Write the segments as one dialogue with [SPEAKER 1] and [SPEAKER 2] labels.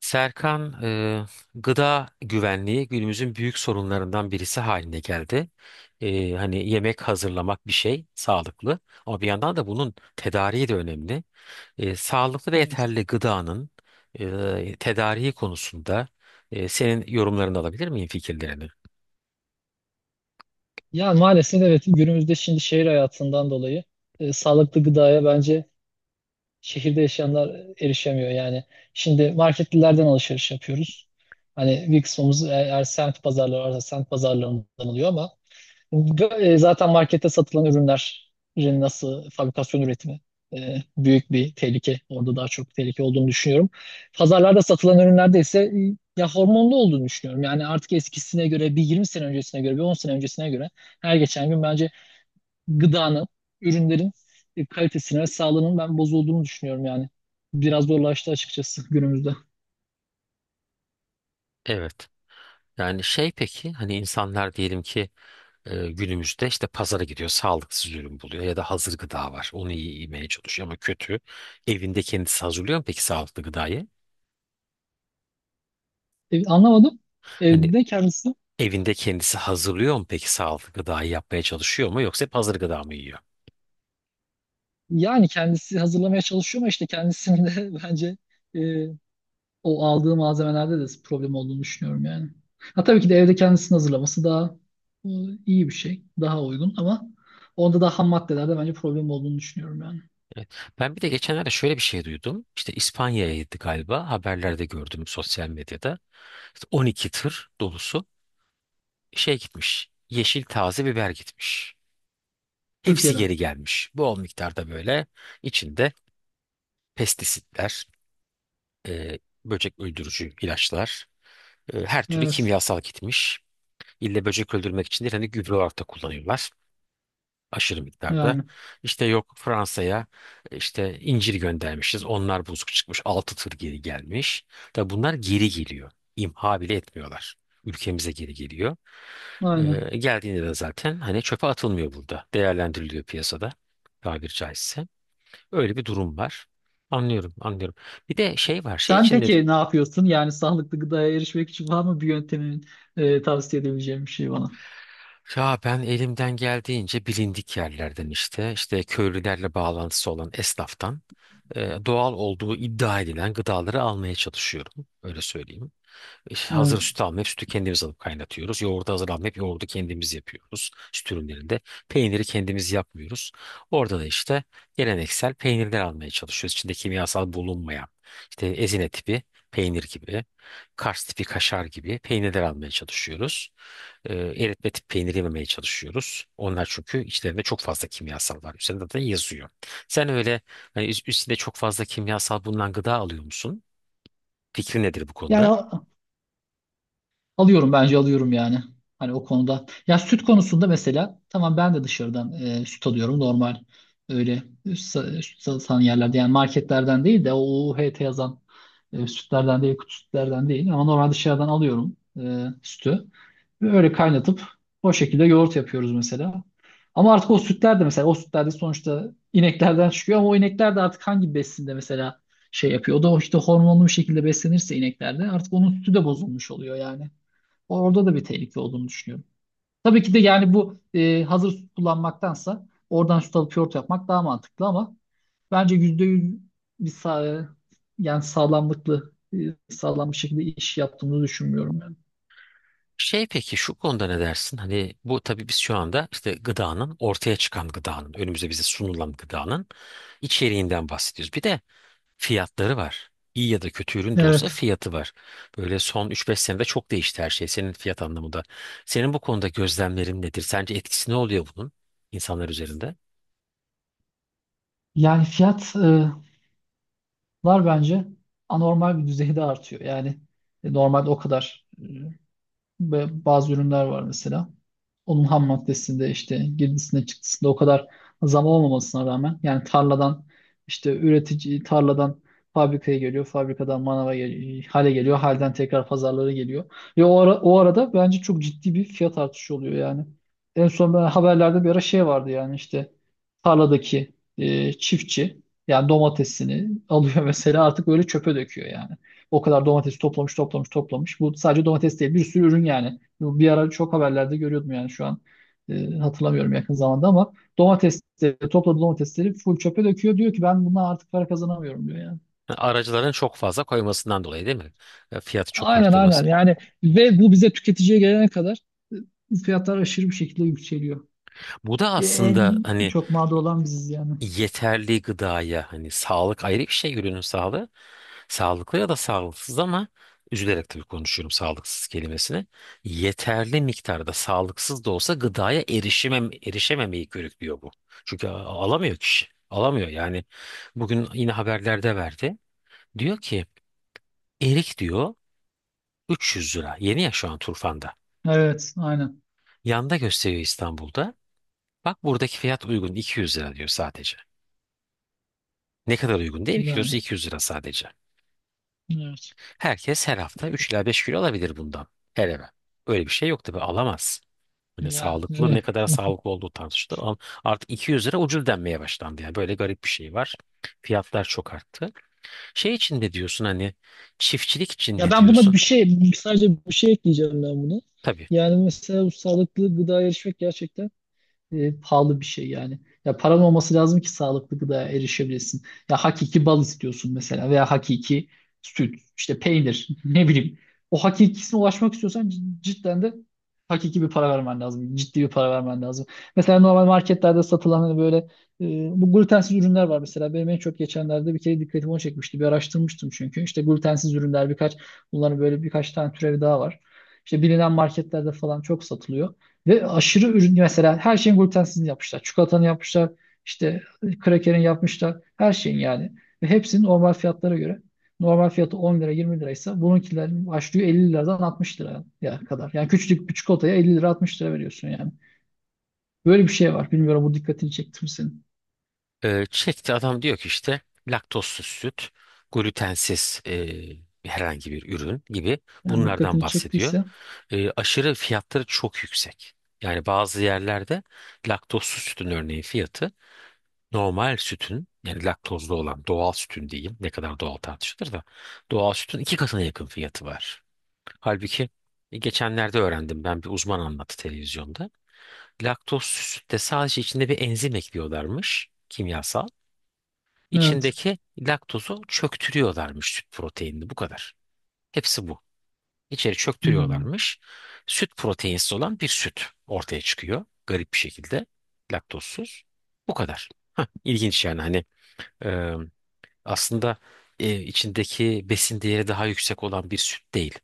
[SPEAKER 1] Serkan, gıda güvenliği günümüzün büyük sorunlarından birisi haline geldi. Hani yemek hazırlamak bir şey sağlıklı ama bir yandan da bunun tedariği de önemli. Sağlıklı ve
[SPEAKER 2] Evet.
[SPEAKER 1] yeterli gıdanın tedariği konusunda senin yorumlarını alabilir miyim fikirlerini?
[SPEAKER 2] Ya maalesef evet günümüzde şimdi şehir hayatından dolayı sağlıklı gıdaya bence şehirde yaşayanlar erişemiyor. Yani şimdi marketlilerden alışveriş yapıyoruz. Hani bir kısmımız eğer semt pazarları varsa semt pazarlarından alıyor ama zaten markette satılan ürünlerin nasıl fabrikasyon üretimi büyük bir tehlike. Orada daha çok tehlike olduğunu düşünüyorum. Pazarlarda satılan ürünlerde ise ya hormonlu olduğunu düşünüyorum. Yani artık eskisine göre bir 20 sene öncesine göre bir 10 sene öncesine göre her geçen gün bence gıdanın, ürünlerin kalitesine ve sağlığının ben bozulduğunu düşünüyorum yani. Biraz zorlaştı açıkçası günümüzde.
[SPEAKER 1] Evet. Yani şey peki hani insanlar diyelim ki günümüzde işte pazara gidiyor, sağlıksız ürün buluyor ya da hazır gıda var. Onu iyi yemeye çalışıyor ama kötü. Evinde kendisi hazırlıyor mu peki sağlıklı gıdayı?
[SPEAKER 2] Anlamadım.
[SPEAKER 1] Hani
[SPEAKER 2] Evde kendisi
[SPEAKER 1] evinde kendisi hazırlıyor mu peki sağlıklı gıdayı yapmaya çalışıyor mu yoksa hep hazır gıda mı yiyor?
[SPEAKER 2] yani kendisi hazırlamaya çalışıyor ama işte kendisinin de bence e, o aldığı malzemelerde de problem olduğunu düşünüyorum yani. Ha tabii ki de evde kendisini hazırlaması daha e, iyi bir şey, daha uygun ama onda da ham maddelerde bence problem olduğunu düşünüyorum yani.
[SPEAKER 1] Ben bir de geçenlerde şöyle bir şey duydum. İşte İspanya'ya gitti galiba. Haberlerde gördüm sosyal medyada. İşte 12 tır dolusu şey gitmiş. Yeşil taze biber gitmiş. Hepsi
[SPEAKER 2] Türkiye'den.
[SPEAKER 1] geri gelmiş. Bol miktarda böyle içinde pestisitler, e, böcek öldürücü ilaçlar, her türlü
[SPEAKER 2] Evet.
[SPEAKER 1] kimyasal gitmiş. İlle böcek öldürmek için değil, hani gübre olarak da kullanıyorlar aşırı miktarda.
[SPEAKER 2] Yani.
[SPEAKER 1] İşte yok Fransa'ya işte incir göndermişiz. Onlar bozuk çıkmış. Altı tır geri gelmiş. Tabi bunlar geri geliyor. İmha bile etmiyorlar. Ülkemize geri geliyor.
[SPEAKER 2] Aynen.
[SPEAKER 1] Geldiğinde de zaten hani çöpe atılmıyor burada. Değerlendiriliyor piyasada tabir caizse. Öyle bir durum var. Anlıyorum, anlıyorum. Bir de şey var, şey
[SPEAKER 2] Sen
[SPEAKER 1] için dedim.
[SPEAKER 2] peki ne yapıyorsun? Yani sağlıklı gıdaya erişmek için var mı bir yöntemin tavsiye edebileceğim bir şey bana?
[SPEAKER 1] Ya ben elimden geldiğince bilindik yerlerden işte köylülerle bağlantısı olan esnaftan doğal olduğu iddia edilen gıdaları almaya çalışıyorum. Öyle söyleyeyim. İşte hazır
[SPEAKER 2] Evet.
[SPEAKER 1] süt almayıp sütü kendimiz alıp kaynatıyoruz. Yoğurdu hazır almayıp yoğurdu kendimiz yapıyoruz süt ürünlerinde. Peyniri kendimiz yapmıyoruz. Orada da işte geleneksel peynirler almaya çalışıyoruz. İçinde kimyasal bulunmayan işte ezine tipi peynir gibi, Kars tipi kaşar gibi peynirler almaya çalışıyoruz. Eritme tipi peynir yememeye çalışıyoruz. Onlar çünkü içlerinde çok fazla kimyasal var. Üzerinde de yazıyor. Sen öyle hani üstünde çok fazla kimyasal bulunan gıda alıyor musun? Fikrin nedir bu
[SPEAKER 2] Yani
[SPEAKER 1] konuda?
[SPEAKER 2] alıyorum bence alıyorum yani. Hani o konuda. Ya süt konusunda mesela tamam ben de dışarıdan süt alıyorum normal öyle süt satan yerlerde yani marketlerden değil de o UHT yazan sütlerden değil kutu sütlerden değil ama normal dışarıdan alıyorum sütü. Ve öyle kaynatıp o şekilde yoğurt yapıyoruz mesela. Ama artık o sütler de mesela o sütler de sonuçta ineklerden çıkıyor ama o inekler de artık hangi besinde mesela şey yapıyor. O da işte hormonlu bir şekilde beslenirse ineklerde artık onun sütü de bozulmuş oluyor yani. Orada da bir tehlike olduğunu düşünüyorum. Tabii ki de yani bu hazır süt kullanmaktansa oradan süt alıp yoğurt yapmak daha mantıklı ama bence %100 bir yani sağlam bir şekilde iş yaptığımızı düşünmüyorum yani.
[SPEAKER 1] Şey peki şu konuda ne dersin? Hani bu tabii biz şu anda işte ortaya çıkan gıdanın önümüze bize sunulan gıdanın içeriğinden bahsediyoruz. Bir de fiyatları var. İyi ya da kötü ürün de olsa
[SPEAKER 2] Evet.
[SPEAKER 1] fiyatı var. Böyle son üç beş senede çok değişti her şey senin fiyat anlamında. Senin bu konuda gözlemlerin nedir? Sence etkisi ne oluyor bunun insanlar üzerinde?
[SPEAKER 2] Yani fiyatlar bence anormal bir düzeyde artıyor. Yani normalde o kadar ve bazı ürünler var mesela. Onun ham maddesinde işte girdisinde çıktısında o kadar zam olmamasına rağmen yani tarladan işte üretici tarladan fabrikaya geliyor, fabrikadan manava hale geliyor, halden tekrar pazarlara geliyor. Ve o arada bence çok ciddi bir fiyat artışı oluyor yani. En son ben haberlerde bir ara şey vardı yani işte tarladaki çiftçi yani domatesini alıyor mesela artık böyle çöpe döküyor yani. O kadar domates toplamış toplamış toplamış. Bu sadece domates değil bir sürü ürün yani. Bu bir ara çok haberlerde görüyordum yani şu an hatırlamıyorum yakın zamanda ama domatesleri topladığı domatesleri full çöpe döküyor. Diyor ki ben bundan artık para kazanamıyorum diyor yani.
[SPEAKER 1] Aracıların çok fazla koymasından dolayı değil mi? Fiyatı çok
[SPEAKER 2] Aynen
[SPEAKER 1] arttırması.
[SPEAKER 2] aynen yani ve bu bize tüketiciye gelene kadar fiyatlar aşırı bir şekilde yükseliyor.
[SPEAKER 1] Bu da aslında
[SPEAKER 2] En
[SPEAKER 1] hani
[SPEAKER 2] çok mağdur olan biziz yani.
[SPEAKER 1] yeterli gıdaya hani sağlık ayrı bir şey ürünün sağlığı. Sağlıklı ya da sağlıksız ama üzülerek tabii konuşuyorum sağlıksız kelimesini. Yeterli miktarda sağlıksız da olsa gıdaya erişemem, erişememeyi körüklüyor bu. Çünkü alamıyor kişi. Alamıyor yani. Bugün yine haberlerde verdi. Diyor ki erik diyor 300 lira. Yeni ya şu an Turfan'da.
[SPEAKER 2] Evet aynen
[SPEAKER 1] Yanda gösteriyor İstanbul'da. Bak buradaki fiyat uygun 200 lira diyor sadece. Ne kadar uygun değil mi? Kilosu
[SPEAKER 2] yani.
[SPEAKER 1] 200 lira sadece.
[SPEAKER 2] Evet.
[SPEAKER 1] Herkes her hafta 3 ila 5 kilo alabilir bundan. Her eve. Öyle bir şey yok tabii alamaz. Hani
[SPEAKER 2] Yani
[SPEAKER 1] sağlıklı ne
[SPEAKER 2] evet.
[SPEAKER 1] kadar sağlıklı olduğu tartışılır. Ama artık 200 lira ucuz denmeye başlandı. Yani böyle garip bir şey var. Fiyatlar çok arttı. Şey için ne diyorsun hani çiftçilik için
[SPEAKER 2] Ya
[SPEAKER 1] ne
[SPEAKER 2] ben buna
[SPEAKER 1] diyorsun?
[SPEAKER 2] bir şey sadece bir şey ekleyeceğim ben buna.
[SPEAKER 1] Tabii.
[SPEAKER 2] Yani mesela bu sağlıklı gıda erişmek gerçekten pahalı bir şey yani. Ya paran olması lazım ki sağlıklı gıdaya erişebilirsin. Ya hakiki bal istiyorsun mesela veya hakiki süt, işte peynir, ne bileyim. O hakikisine ulaşmak istiyorsan cidden de hakiki bir para vermen lazım. Ciddi bir para vermen lazım. Mesela normal marketlerde satılan hani böyle e, bu glutensiz ürünler var mesela. Benim en çok geçenlerde bir kere dikkatimi o çekmişti. Bir araştırmıştım çünkü. İşte glutensiz ürünler birkaç bunların böyle birkaç tane türevi daha var. İşte bilinen marketlerde falan çok satılıyor. Ve aşırı ürün mesela her şeyin glutensizini yapmışlar. Çikolatanı yapmışlar. İşte krakerin yapmışlar. Her şeyin yani. Ve hepsinin normal fiyatlara göre. Normal fiyatı 10 lira 20 liraysa bununkilerin başlıyor 50 liradan 60 liraya kadar. Yani küçücük bir çikolataya 50 lira 60 lira veriyorsun yani. Böyle bir şey var. Bilmiyorum bu dikkatini çekti mi senin?
[SPEAKER 1] Çekti adam diyor ki işte laktozsuz süt, glutensiz herhangi bir ürün gibi
[SPEAKER 2] Yani
[SPEAKER 1] bunlardan
[SPEAKER 2] dikkatini
[SPEAKER 1] bahsediyor.
[SPEAKER 2] çektiyse
[SPEAKER 1] Aşırı fiyatları çok yüksek. Yani bazı yerlerde laktozsuz sütün örneğin fiyatı normal sütün yani laktozlu olan doğal sütün diyeyim ne kadar doğal tartışılır da doğal sütün iki katına yakın fiyatı var. Halbuki geçenlerde öğrendim ben bir uzman anlattı televizyonda. Laktozsuz sütte sadece içinde bir enzim ekliyorlarmış kimyasal.
[SPEAKER 2] evet.
[SPEAKER 1] İçindeki laktozu çöktürüyorlarmış süt proteinini bu kadar. Hepsi bu. İçeri
[SPEAKER 2] Hmm,
[SPEAKER 1] çöktürüyorlarmış. Süt proteinsiz olan bir süt ortaya çıkıyor garip bir şekilde laktozsuz. Bu kadar. İlginç yani hani aslında içindeki besin değeri daha yüksek olan bir süt değil.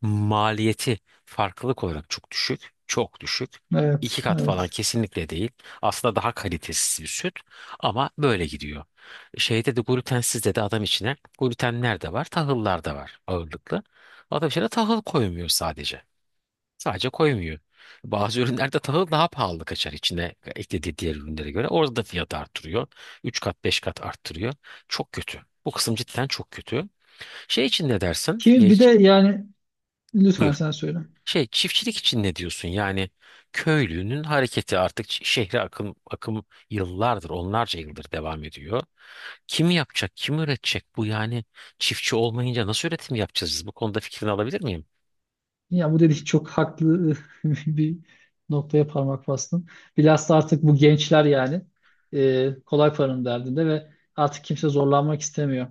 [SPEAKER 1] Maliyeti farklılık olarak çok düşük, çok düşük.
[SPEAKER 2] evet,
[SPEAKER 1] İki kat falan
[SPEAKER 2] evet.
[SPEAKER 1] kesinlikle değil. Aslında daha kalitesiz bir süt ama böyle gidiyor. Şeyde de glutensizde de adam içine glutenler de var, tahıllar da var ağırlıklı. Adam içine tahıl koymuyor sadece. Sadece koymuyor. Bazı ürünlerde tahıl daha pahalı kaçar içine eklediği diğer ürünlere göre. Orada da fiyatı arttırıyor. 3 kat 5 kat arttırıyor. Çok kötü. Bu kısım cidden çok kötü. Şey için ne dersin?
[SPEAKER 2] Ki bir de yani lütfen
[SPEAKER 1] Buyur.
[SPEAKER 2] sen söyle.
[SPEAKER 1] Şey çiftçilik için ne diyorsun? Yani köylünün hareketi artık şehre akım, akım yıllardır, onlarca yıldır devam ediyor. Kim yapacak, kim üretecek bu yani? Çiftçi olmayınca nasıl üretim yapacağız biz? Bu konuda fikrini alabilir miyim?
[SPEAKER 2] Ya bu dediğin çok haklı bir noktaya parmak bastın. Bilhassa artık bu gençler yani kolay paranın derdinde ve artık kimse zorlanmak istemiyor.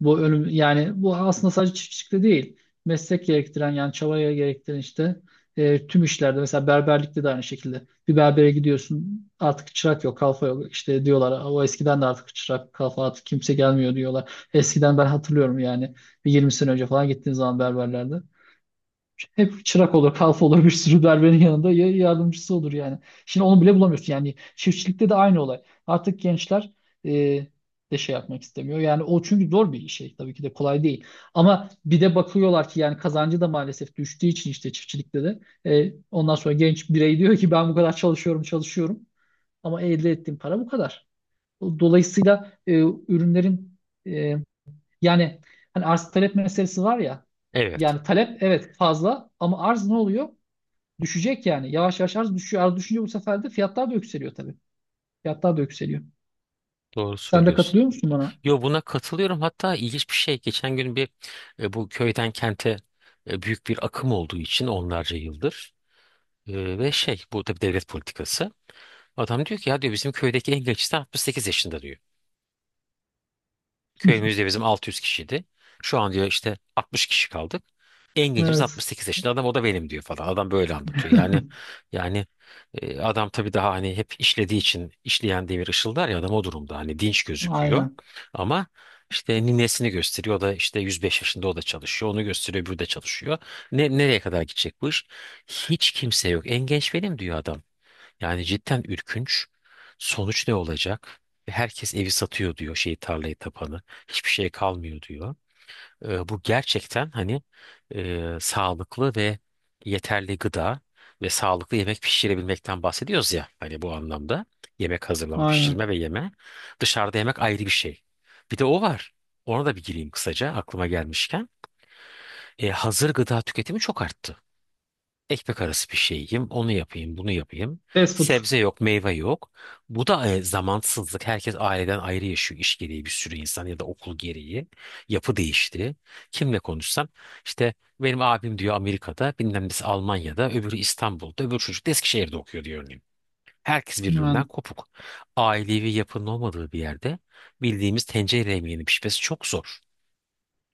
[SPEAKER 2] Bu ölüm yani bu aslında sadece çiftçilikte değil. Meslek gerektiren yani çabaya gerektiren işte tüm işlerde mesela berberlikte de aynı şekilde. Bir berbere gidiyorsun artık çırak yok kalfa yok işte diyorlar. O eskiden de artık çırak kalfa artık kimse gelmiyor diyorlar. Eskiden ben hatırlıyorum yani bir 20 sene önce falan gittiğin zaman berberlerde. Hep çırak olur, kalfa olur bir sürü berberin yanında ya yardımcısı olur yani. Şimdi onu bile bulamıyorsun yani. Çiftçilikte de aynı olay. Artık gençler e, de şey yapmak istemiyor. Yani o çünkü zor bir şey. Tabii ki de kolay değil. Ama bir de bakıyorlar ki yani kazancı da maalesef düştüğü için işte çiftçilikte de. Ondan sonra genç birey diyor ki ben bu kadar çalışıyorum, çalışıyorum. Ama elde ettiğim para bu kadar. Dolayısıyla ürünlerin e, yani hani arz talep meselesi var ya.
[SPEAKER 1] Evet,
[SPEAKER 2] Yani talep evet fazla ama arz ne oluyor? Düşecek yani. Yavaş yavaş arz düşüyor. Arz düşünce bu sefer de fiyatlar da yükseliyor tabii. Fiyatlar da yükseliyor.
[SPEAKER 1] doğru
[SPEAKER 2] Sen de
[SPEAKER 1] söylüyorsun.
[SPEAKER 2] katılıyor musun bana?
[SPEAKER 1] Yo buna katılıyorum. Hatta ilginç bir şey. Geçen gün bir bu köyden kente büyük bir akım olduğu için onlarca yıldır ve şey bu tabii devlet politikası. Adam diyor ki ya diyor bizim köydeki en gençler 68 yaşında diyor. Köyümüzde bizim 600 kişiydi. Şu an diyor işte 60 kişi kaldık. En gencimiz
[SPEAKER 2] Evet.
[SPEAKER 1] 68 yaşında adam o da benim diyor falan. Adam böyle anlatıyor. Yani adam tabii daha hani hep işlediği için işleyen demir ışıldar ya adam o durumda hani dinç gözüküyor.
[SPEAKER 2] Aynen.
[SPEAKER 1] Ama işte ninesini gösteriyor. O da işte 105 yaşında o da çalışıyor. Onu gösteriyor öbürü de çalışıyor. Nereye kadar gidecek bu iş? Hiç kimse yok. En genç benim diyor adam. Yani cidden ürkünç. Sonuç ne olacak? Herkes evi satıyor diyor şeyi tarlayı tapanı. Hiçbir şey kalmıyor diyor. Bu gerçekten hani sağlıklı ve yeterli gıda ve sağlıklı yemek pişirebilmekten bahsediyoruz ya. Hani bu anlamda yemek hazırlama, pişirme
[SPEAKER 2] Aynen.
[SPEAKER 1] ve yeme. Dışarıda yemek ayrı bir şey. Bir de o var. Ona da bir gireyim kısaca aklıma gelmişken. Hazır gıda tüketimi çok arttı. Ekmek arası bir şey onu yapayım, bunu yapayım.
[SPEAKER 2] Fast food.
[SPEAKER 1] Sebze yok, meyve yok. Bu da zamansızlık. Herkes aileden ayrı yaşıyor iş gereği bir sürü insan ya da okul gereği. Yapı değişti. Kimle konuşsam işte benim abim diyor Amerika'da, bilmem nesi Almanya'da, öbürü İstanbul'da, öbür çocuk da Eskişehir'de okuyor diyor örneğin. Herkes birbirinden
[SPEAKER 2] Yani,
[SPEAKER 1] kopuk. Ailevi yapının olmadığı bir yerde bildiğimiz tencere yemeğinin pişmesi çok zor.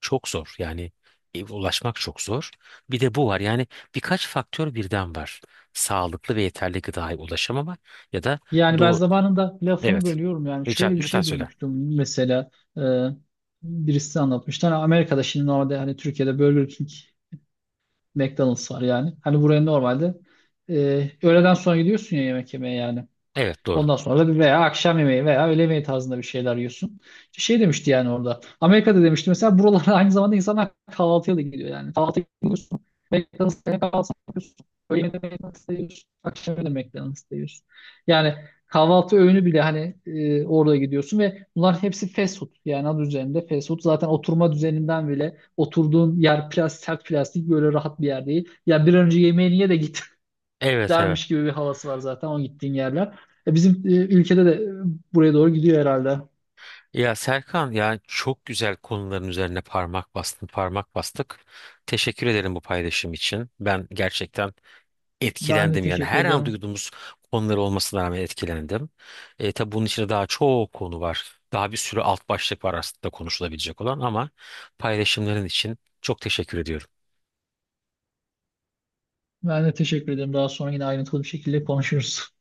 [SPEAKER 1] Çok zor. Yani ulaşmak çok zor. Bir de bu var. Yani birkaç faktör birden var. Sağlıklı ve yeterli gıdaya ulaşamama ya da
[SPEAKER 2] yani ben
[SPEAKER 1] doğu...
[SPEAKER 2] zamanında lafını
[SPEAKER 1] Evet.
[SPEAKER 2] bölüyorum yani.
[SPEAKER 1] Rica,
[SPEAKER 2] Şöyle bir
[SPEAKER 1] lütfen
[SPEAKER 2] şey
[SPEAKER 1] söyle.
[SPEAKER 2] duymuştum mesela. e, Birisi anlatmıştı. Hani Amerika'da şimdi normalde hani Türkiye'de Burger King McDonald's var yani. Hani buraya normalde öğleden sonra gidiyorsun ya yemek yemeye yani.
[SPEAKER 1] Evet doğru.
[SPEAKER 2] Ondan sonra da bir veya akşam yemeği veya öğle yemeği tarzında bir şeyler yiyorsun. İşte şey demişti yani orada. Amerika'da demişti mesela buralara aynı zamanda insanlar kahvaltıya da gidiyor yani. Kahvaltı gidiyorsun McDonald's'ta kahvaltı yapıyorsun. Öğle yemeğinde McDonald's'ta yiyorsun. Akşam yemeğinde McDonald's'ta yiyorsun. Yani kahvaltı öğünü bile hani orada gidiyorsun ve bunlar hepsi fast food. Yani adı üzerinde fast food. Zaten oturma düzeninden bile oturduğun yer plastik, sert plastik böyle rahat bir yer değil. Ya bir an önce yemeğini ye de git
[SPEAKER 1] Evet, evet.
[SPEAKER 2] dermiş gibi bir havası var zaten o gittiğin yerler. Bizim ülkede de buraya doğru gidiyor herhalde.
[SPEAKER 1] Ya Serkan yani çok güzel konuların üzerine parmak bastın, parmak bastık. Teşekkür ederim bu paylaşım için. Ben gerçekten
[SPEAKER 2] Ben de
[SPEAKER 1] etkilendim yani
[SPEAKER 2] teşekkür
[SPEAKER 1] her an
[SPEAKER 2] ederim.
[SPEAKER 1] duyduğumuz konuları olmasına rağmen etkilendim. Tabii bunun içinde daha çok konu var. Daha bir sürü alt başlık var aslında konuşulabilecek olan ama paylaşımların için çok teşekkür ediyorum.
[SPEAKER 2] Ben de teşekkür ederim. Daha sonra yine ayrıntılı bir şekilde konuşuruz.